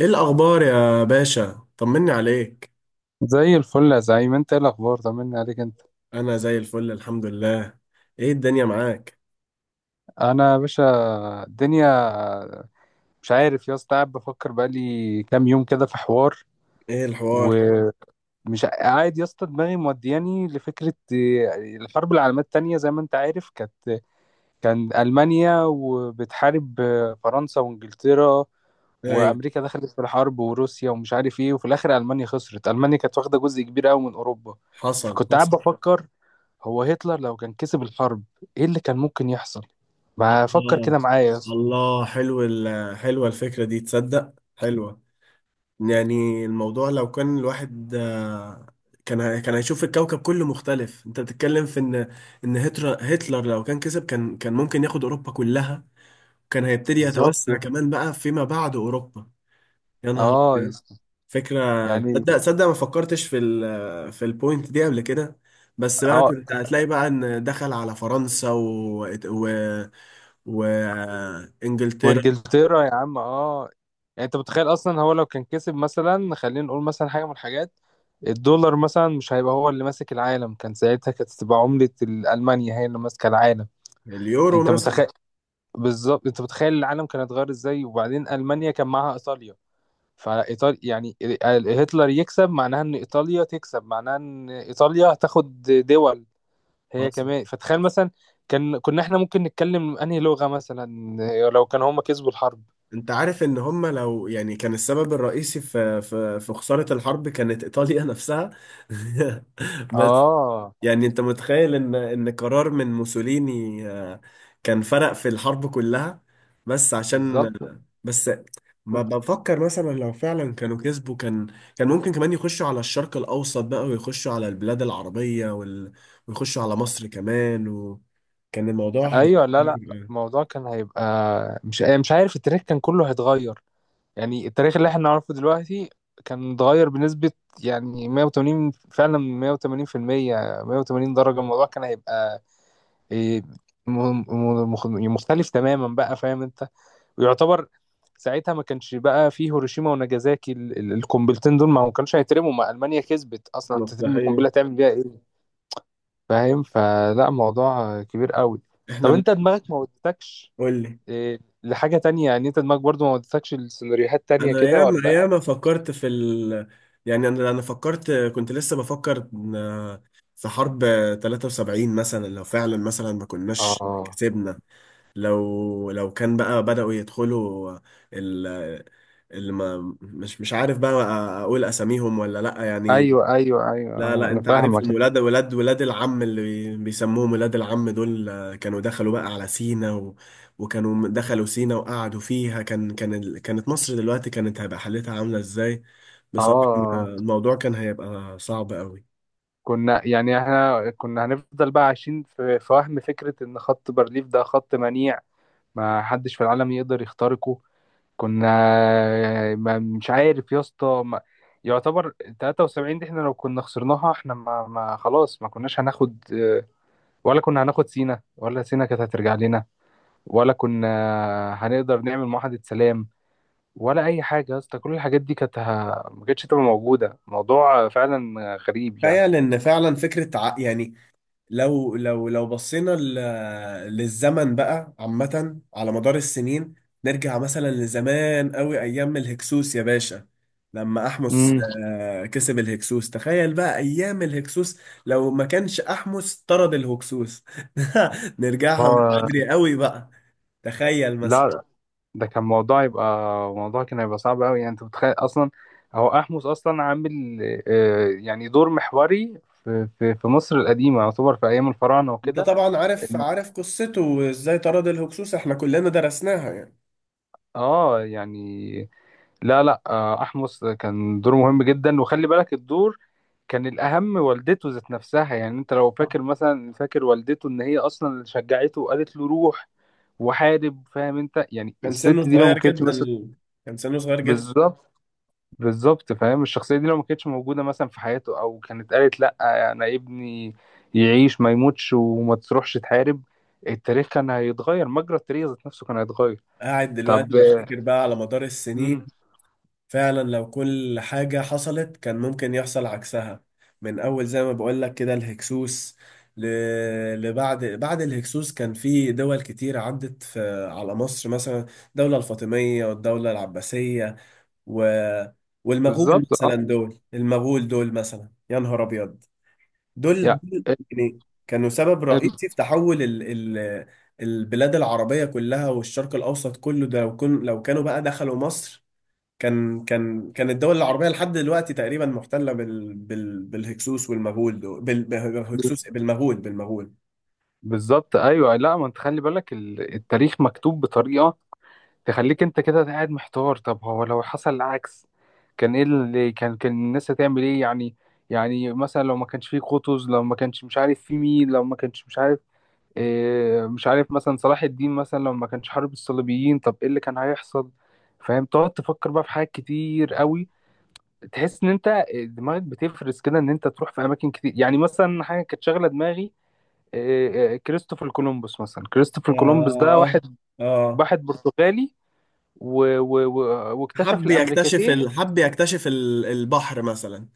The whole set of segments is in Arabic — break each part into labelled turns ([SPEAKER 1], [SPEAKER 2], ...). [SPEAKER 1] ايه الاخبار يا باشا؟ طمني عليك.
[SPEAKER 2] زي الفل يا زعيم. انت ايه الاخبار؟ طمني عليك انت.
[SPEAKER 1] انا زي الفل الحمد لله. ايه الدنيا معاك؟
[SPEAKER 2] انا يا باشا الدنيا مش عارف يا اسطى، قاعد بفكر بقالي كام يوم كده في حوار.
[SPEAKER 1] ايه الحوار؟
[SPEAKER 2] مم. ومش قاعد يا اسطى، دماغي مودياني لفكره. اه، الحرب العالميه التانيه زي ما انت عارف كان المانيا وبتحارب فرنسا وانجلترا،
[SPEAKER 1] ايوه.
[SPEAKER 2] وامريكا دخلت في الحرب وروسيا، ومش عارف ايه، وفي الاخر المانيا خسرت. المانيا كانت واخده جزء كبير قوي من اوروبا.
[SPEAKER 1] حصل
[SPEAKER 2] فكنت قاعد
[SPEAKER 1] حصل.
[SPEAKER 2] بفكر، هو هتلر لو كان كسب الحرب ايه اللي كان ممكن يحصل؟ ما فكر
[SPEAKER 1] الله.
[SPEAKER 2] كده معايا يا اسطى.
[SPEAKER 1] الله، حلو حلوه الفكره دي، تصدق حلوه. يعني الموضوع لو كان الواحد كان كان هيشوف الكوكب كله مختلف. انت بتتكلم في ان هتلر لو كان كسب كان ممكن ياخد اوروبا كلها، كان هيبتدي
[SPEAKER 2] بالظبط يا
[SPEAKER 1] يتوسع
[SPEAKER 2] اسطى.
[SPEAKER 1] كمان بقى فيما بعد اوروبا. يا نهار
[SPEAKER 2] اه يا
[SPEAKER 1] أبيض.
[SPEAKER 2] اسطى.
[SPEAKER 1] فكرة،
[SPEAKER 2] يعني
[SPEAKER 1] تصدق ما فكرتش في ال في البوينت دي قبل كده. بس بقى
[SPEAKER 2] اه،
[SPEAKER 1] كنت هتلاقي بقى ان دخل على فرنسا و وانجلترا.
[SPEAKER 2] وانجلترا يا عم اه. يعني انت متخيل اصلا هو لو كان كسب؟ مثلا خلينا نقول مثلا حاجه من الحاجات. الدولار مثلا مش هيبقى هو اللي ماسك العالم، كان ساعتها كانت تبقى عملة ألمانيا هي اللي ماسكة العالم.
[SPEAKER 1] اليورو
[SPEAKER 2] انت
[SPEAKER 1] مثلا.
[SPEAKER 2] متخيل. بالظبط، انت متخيل العالم كان اتغير ازاي؟ وبعدين المانيا كان معاها ايطاليا. فايطاليا يعني، هتلر يكسب معناها ان ايطاليا تكسب، معناها ان ايطاليا هتاخد دول هي
[SPEAKER 1] حصل.
[SPEAKER 2] كمان. فتخيل مثلا كنا احنا ممكن نتكلم انهي لغة مثلا لو كان هما كسبوا الحرب.
[SPEAKER 1] انت عارف ان هم لو يعني كان السبب الرئيسي في في خسارة الحرب كانت ايطاليا نفسها. بس
[SPEAKER 2] اه.
[SPEAKER 1] يعني انت متخيل ان قرار من موسوليني كان فرق في الحرب كلها؟ بس عشان.
[SPEAKER 2] بالظبط
[SPEAKER 1] بس. ما بفكر مثلا لو فعلا كانوا كسبوا، كان ممكن كمان يخشوا على الشرق الاوسط بقى، ويخشوا على البلاد العربية ويخشوا على مصر كمان، وكان الموضوع هيبقى
[SPEAKER 2] ايوه. لا لا
[SPEAKER 1] كبير
[SPEAKER 2] لا،
[SPEAKER 1] يعني.
[SPEAKER 2] الموضوع كان هيبقى مش عارف. التاريخ كان كله هيتغير، يعني التاريخ اللي احنا نعرفه دلوقتي كان اتغير بنسبة، يعني 180، فعلا 180%، 180 درجة. الموضوع كان هيبقى، إيه، م- مختلف تماما بقى، فاهم انت؟ ويعتبر ساعتها ما كانش بقى فيه هيروشيما وناجازاكي، القنبلتين دول ما كانوش هيترموا، ما ألمانيا كسبت أصلا، انت ترمي
[SPEAKER 1] مصلحية.
[SPEAKER 2] قنبلة تعمل بيها ايه؟ فاهم؟ فلا موضوع كبير قوي.
[SPEAKER 1] احنا
[SPEAKER 2] طب
[SPEAKER 1] بن-
[SPEAKER 2] انت دماغك ما ودتكش،
[SPEAKER 1] قول لي.
[SPEAKER 2] لحاجة تانية؟ يعني انت دماغك برضو ما ودتكش لسيناريوهات تانية
[SPEAKER 1] انا
[SPEAKER 2] كده
[SPEAKER 1] ياما
[SPEAKER 2] ولا؟
[SPEAKER 1] ياما فكرت في يعني انا فكرت، كنت لسه بفكر في حرب 73 مثلا، لو فعلا مثلا ما كناش
[SPEAKER 2] اه،
[SPEAKER 1] كسبنا، لو كان بقى بدأوا يدخلوا ال... اللي ما مش مش عارف بقى اقول اساميهم ولا لا يعني.
[SPEAKER 2] ايوه ايوه ايوه،
[SPEAKER 1] لا لا،
[SPEAKER 2] انا
[SPEAKER 1] انت
[SPEAKER 2] فاهمك.
[SPEAKER 1] عارفهم، ولاد ولاد العم اللي بيسموهم ولاد العم دول، كانوا دخلوا بقى على سينا وكانوا دخلوا سينا وقعدوا فيها، كان كانت مصر دلوقتي كانت هيبقى حالتها عاملة ازاي بصراحة؟
[SPEAKER 2] اه،
[SPEAKER 1] الموضوع كان هيبقى صعب قوي.
[SPEAKER 2] كنا يعني احنا كنا هنفضل بقى عايشين في وهم فكرة ان خط بارليف ده خط منيع، ما حدش في العالم يقدر يخترقه. كنا، ما مش عارف يا اسطى، يعتبر 73 دي، احنا لو كنا خسرناها احنا ما خلاص ما كناش هناخد، ولا كنا هناخد سينا، ولا سينا كانت هترجع لنا، ولا كنا هنقدر نعمل معاهدة سلام، ولا اي حاجه يا اسطى. كل الحاجات دي كانت، ما كانتش تبقى موجوده. موضوع فعلا غريب يعني.
[SPEAKER 1] تخيل ان فعلا فكرة يعني، لو بصينا للزمن بقى عامة على مدار السنين، نرجع مثلا لزمان قوي، أيام الهكسوس يا باشا، لما أحمس
[SPEAKER 2] امم.
[SPEAKER 1] كسب الهكسوس. تخيل بقى أيام الهكسوس، لو ما كانش أحمس طرد الهكسوس. نرجعها من
[SPEAKER 2] هو
[SPEAKER 1] بدري قوي بقى. تخيل مثلا.
[SPEAKER 2] لا، ده كان موضوع يبقى، موضوع كان هيبقى صعب قوي. يعني انت متخيل اصلا، هو احمس اصلا عامل، يعني دور محوري في مصر القديمه، يعتبر في ايام الفراعنه
[SPEAKER 1] أنت
[SPEAKER 2] وكده.
[SPEAKER 1] طبعا عارف، عارف قصته وإزاي طرد الهكسوس، إحنا كلنا درسناها يعني.
[SPEAKER 2] اه يعني، لا لا أحمس كان دوره مهم جدا. وخلي بالك الدور كان الأهم، والدته ذات نفسها، يعني أنت لو فاكر مثلا، فاكر والدته إن هي أصلا اللي شجعته وقالت له روح وحارب. فاهم أنت؟ يعني
[SPEAKER 1] كان
[SPEAKER 2] الست
[SPEAKER 1] سنه
[SPEAKER 2] دي لو ما
[SPEAKER 1] صغير
[SPEAKER 2] كانتش
[SPEAKER 1] جدا،
[SPEAKER 2] مثلا.
[SPEAKER 1] كان سنه صغير جدا.
[SPEAKER 2] بالظبط. بالظبط فاهم، الشخصية دي لو ما كانتش موجودة مثلا في حياته، أو كانت قالت لأ، أنا ابني يعيش ما يموتش وما تروحش تحارب، التاريخ كان هيتغير. مجرى التاريخ ذات نفسه كان هيتغير.
[SPEAKER 1] قاعد دلوقتي
[SPEAKER 2] طب آه.
[SPEAKER 1] بفتكر بقى على مدار
[SPEAKER 2] مم.
[SPEAKER 1] السنين، فعلا لو كل حاجة حصلت كان ممكن يحصل عكسها. من أول زي ما بقول لك كده الهكسوس ل... لبعد بعد الهكسوس، كان في دول كتير عدت على مصر مثلا، الدولة الفاطمية والدولة العباسية و... والمغول
[SPEAKER 2] بالظبط أه.
[SPEAKER 1] مثلا. دول المغول دول مثلا، يا نهار أبيض. دول دول يعني كانوا سبب
[SPEAKER 2] يعني.
[SPEAKER 1] رئيسي في تحول ال ال البلاد العربية كلها والشرق الأوسط كله. ده لو لو كانوا بقى دخلوا مصر، كان الدول العربية لحد دلوقتي تقريبا محتلة بالهكسوس والمغول، دول بالهكسوس، بالمغول.
[SPEAKER 2] بالظبط ايوه، لا، ما انت خلي بالك، التاريخ مكتوب بطريقه تخليك انت كده قاعد محتار. طب هو لو حصل العكس كان ايه اللي كان كان الناس هتعمل ايه يعني؟ يعني مثلا لو ما كانش فيه قطز، لو ما كانش مش عارف في مين، لو ما كانش مش عارف، مش عارف مثلا صلاح الدين مثلا، لو ما كانش حارب الصليبيين طب ايه اللي كان هيحصل؟ فاهم؟ تقعد تفكر بقى في حاجات كتير قوي. تحس ان انت دماغك بتفرز كده، ان انت تروح في اماكن كتير. يعني مثلا حاجه كانت شاغله دماغي، كريستوفر كولومبوس مثلا. كريستوفر كولومبوس ده
[SPEAKER 1] يا.
[SPEAKER 2] واحد،
[SPEAKER 1] اه.
[SPEAKER 2] واحد برتغالي و... و... و... واكتشف
[SPEAKER 1] حب يكتشف
[SPEAKER 2] الامريكتين.
[SPEAKER 1] حب يكتشف البحر مثلا،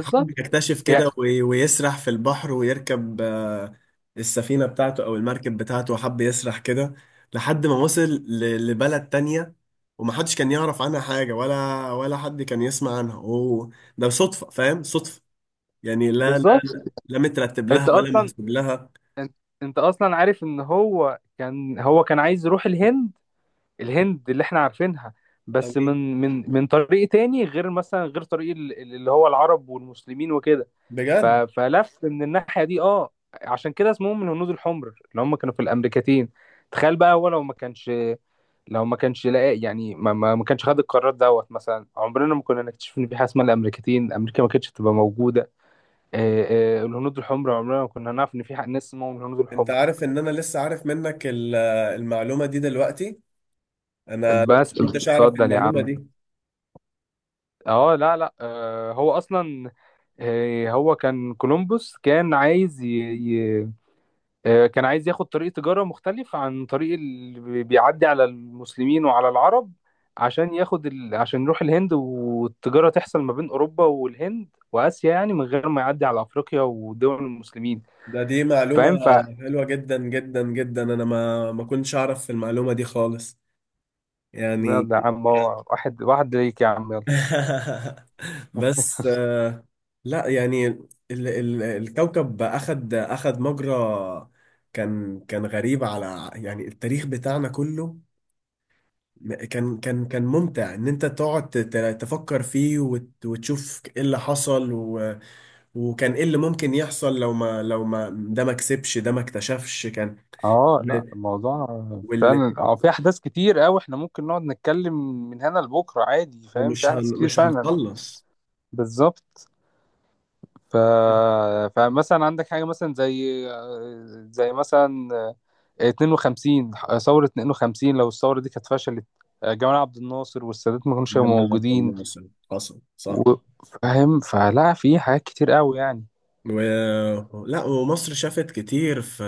[SPEAKER 1] حب يكتشف
[SPEAKER 2] يعني،
[SPEAKER 1] كده ويسرح في البحر ويركب السفينة بتاعته أو المركب بتاعته، حب يسرح كده لحد ما وصل لبلد تانية ومحدش كان يعرف عنها حاجة، ولا ولا حد كان يسمع عنها. هو ده صدفة، فاهم؟ صدفة يعني. لا لا،
[SPEAKER 2] بالظبط
[SPEAKER 1] لا مترتب
[SPEAKER 2] انت
[SPEAKER 1] لها ولا
[SPEAKER 2] اصلا
[SPEAKER 1] محسوب لها.
[SPEAKER 2] انت انت اصلا عارف ان هو كان عايز يروح الهند. الهند اللي احنا عارفينها، بس
[SPEAKER 1] أمين.
[SPEAKER 2] من طريق تاني، غير مثلا غير طريق، اللي هو العرب والمسلمين وكده.
[SPEAKER 1] بجد.
[SPEAKER 2] فلف من الناحية دي اه. عشان كده اسمهم الهنود الحمر، اللي هم كانوا في الامريكتين. تخيل بقى، هو لو ما كانش، لو ما كانش لاقي يعني، ما كانش خد القرار دوت مثلا، عمرنا ما كنا نكتشف ان في حاجه اسمها الامريكتين، امريكا ما كانتش تبقى موجوده. الهنود الحمر عمرنا ما كنا نعرف ان في حق ناس اسمهم الهنود
[SPEAKER 1] انت
[SPEAKER 2] الحمر.
[SPEAKER 1] عارف ان انا لسه عارف منك المعلومة دي دلوقتي؟ انا ما
[SPEAKER 2] بس
[SPEAKER 1] كنتش اعرف
[SPEAKER 2] اتفضل يا
[SPEAKER 1] المعلومة
[SPEAKER 2] عم.
[SPEAKER 1] دي.
[SPEAKER 2] اه لا لا، هو اصلا، هو كان كولومبوس كان عايز، كان عايز ياخد طريق تجارة مختلف عن طريق اللي، بيعدي على المسلمين وعلى العرب، عشان ياخد، عشان يروح الهند. والتجارة تحصل ما بين أوروبا والهند وآسيا، يعني من غير ما يعدي على أفريقيا ودول المسلمين.
[SPEAKER 1] ده دي معلومة
[SPEAKER 2] فاهم؟
[SPEAKER 1] حلوة جدا جدا جدا، أنا ما كنتش أعرف في المعلومة دي خالص يعني.
[SPEAKER 2] يلا يا عم، هو واحد واحد ليك يا عم، يلا.
[SPEAKER 1] بس لا يعني ال ال الكوكب أخد مجرى كان، كان غريب على يعني التاريخ بتاعنا كله. كان كان ممتع إن أنت تقعد تفكر فيه وتشوف إيه اللي حصل، و وكان إيه اللي ممكن يحصل لو ما لو ما ده ما كسبش، ده ما اكتشفش كان.
[SPEAKER 2] اه لا، الموضوع فعلا، اه في احداث كتير قوي احنا ممكن نقعد نتكلم من هنا لبكره عادي. فاهم؟ في احداث كتير
[SPEAKER 1] مش
[SPEAKER 2] فعلا.
[SPEAKER 1] هنخلص.
[SPEAKER 2] بالظبط. ف... فمثلا عندك حاجة مثلا زي مثلا 52، ثورة 52 لو الثورة دي كانت فشلت، جمال عبد الناصر والسادات ما كانوش هيبقوا
[SPEAKER 1] جمال عبد الناصر
[SPEAKER 2] موجودين.
[SPEAKER 1] مثلا حصل صح.
[SPEAKER 2] و- فاهم؟ فلا في حاجات كتير قوي يعني.
[SPEAKER 1] و. لا، ومصر شافت كتير في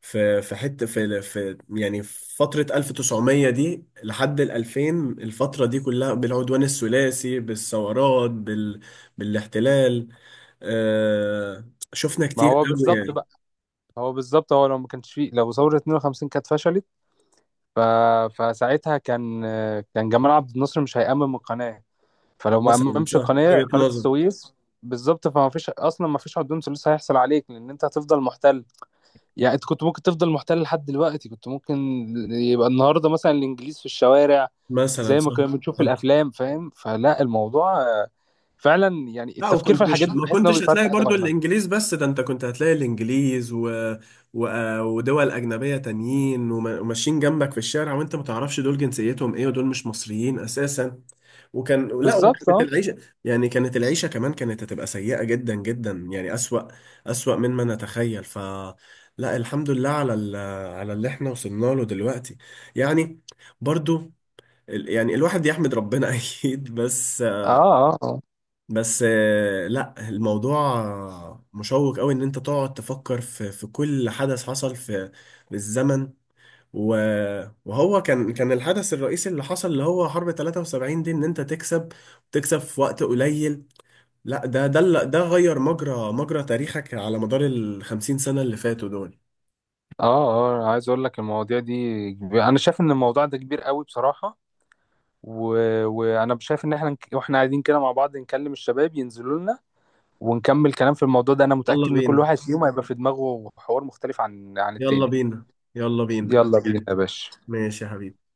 [SPEAKER 1] حته في في يعني في فتره 1900 دي لحد ال 2000، الفتره دي كلها بالعدوان الثلاثي بالثورات بالاحتلال. آه... شفنا
[SPEAKER 2] ما
[SPEAKER 1] كتير
[SPEAKER 2] هو
[SPEAKER 1] قوي
[SPEAKER 2] بالظبط
[SPEAKER 1] يعني.
[SPEAKER 2] بقى. هو بالظبط هو لو ما كانش فيه، لو ثورة 52 كانت فشلت، ف... فساعتها كان جمال عبد الناصر مش هيأمم القناة. فلو ما
[SPEAKER 1] مثلا
[SPEAKER 2] أممش
[SPEAKER 1] صح،
[SPEAKER 2] القناة،
[SPEAKER 1] وجهه
[SPEAKER 2] قناة
[SPEAKER 1] نظر.
[SPEAKER 2] السويس، بالظبط، فما فيش اصلا، ما فيش عدوان ثلث هيحصل عليك، لان انت هتفضل محتل. يعني انت كنت ممكن تفضل محتل لحد دلوقتي. كنت ممكن يبقى النهارده مثلا الانجليز في الشوارع،
[SPEAKER 1] مثلا
[SPEAKER 2] زي ما
[SPEAKER 1] صح.
[SPEAKER 2] كنا بنشوف في
[SPEAKER 1] صح.
[SPEAKER 2] الافلام. فاهم؟ فلا الموضوع، فعلا، يعني
[SPEAKER 1] لا،
[SPEAKER 2] التفكير في الحاجات
[SPEAKER 1] وكنتش
[SPEAKER 2] دي
[SPEAKER 1] ما
[SPEAKER 2] بحيث ان هو
[SPEAKER 1] كنتش هتلاقي
[SPEAKER 2] بيفتح
[SPEAKER 1] برضو
[SPEAKER 2] دماغنا.
[SPEAKER 1] الانجليز بس، ده انت كنت هتلاقي الانجليز و... ودول اجنبيه تانيين وماشيين جنبك في الشارع وانت ما تعرفش دول جنسيتهم ايه ودول مش مصريين اساسا. وكان لا
[SPEAKER 2] بالظبط،
[SPEAKER 1] وكانت
[SPEAKER 2] اه
[SPEAKER 1] العيشه يعني، كانت العيشه كمان كانت هتبقى سيئه جدا جدا، يعني اسوأ، اسوأ مما نتخيل. ف لا، الحمد لله على على اللي احنا وصلنا له دلوقتي يعني. برضو يعني الواحد يحمد ربنا. اكيد. بس
[SPEAKER 2] اه اه
[SPEAKER 1] بس لا الموضوع مشوق قوي، ان انت تقعد تفكر في في كل حدث حصل في في الزمن، و- وهو كان، كان الحدث الرئيسي اللي حصل اللي هو حرب 73 دي، ان انت تكسب، تكسب في وقت قليل. لا ده ده ده غير مجرى، مجرى تاريخك على مدار ال 50 سنة اللي فاتوا دول.
[SPEAKER 2] اه اه، عايز اقول لك المواضيع دي. انا شايف ان الموضوع ده كبير قوي بصراحة. و... وانا شايف ان احنا، واحنا قاعدين كده مع بعض نكلم الشباب ينزلوا لنا، ونكمل كلام في الموضوع ده. انا متأكد
[SPEAKER 1] يلا
[SPEAKER 2] ان كل
[SPEAKER 1] بينا،
[SPEAKER 2] واحد فيهم هيبقى في دماغه حوار مختلف عن
[SPEAKER 1] يلا
[SPEAKER 2] التاني.
[SPEAKER 1] بينا، يلا بينا أنا
[SPEAKER 2] يلا بينا يا
[SPEAKER 1] جاهز.
[SPEAKER 2] باشا.
[SPEAKER 1] ماشي يا حبيبي.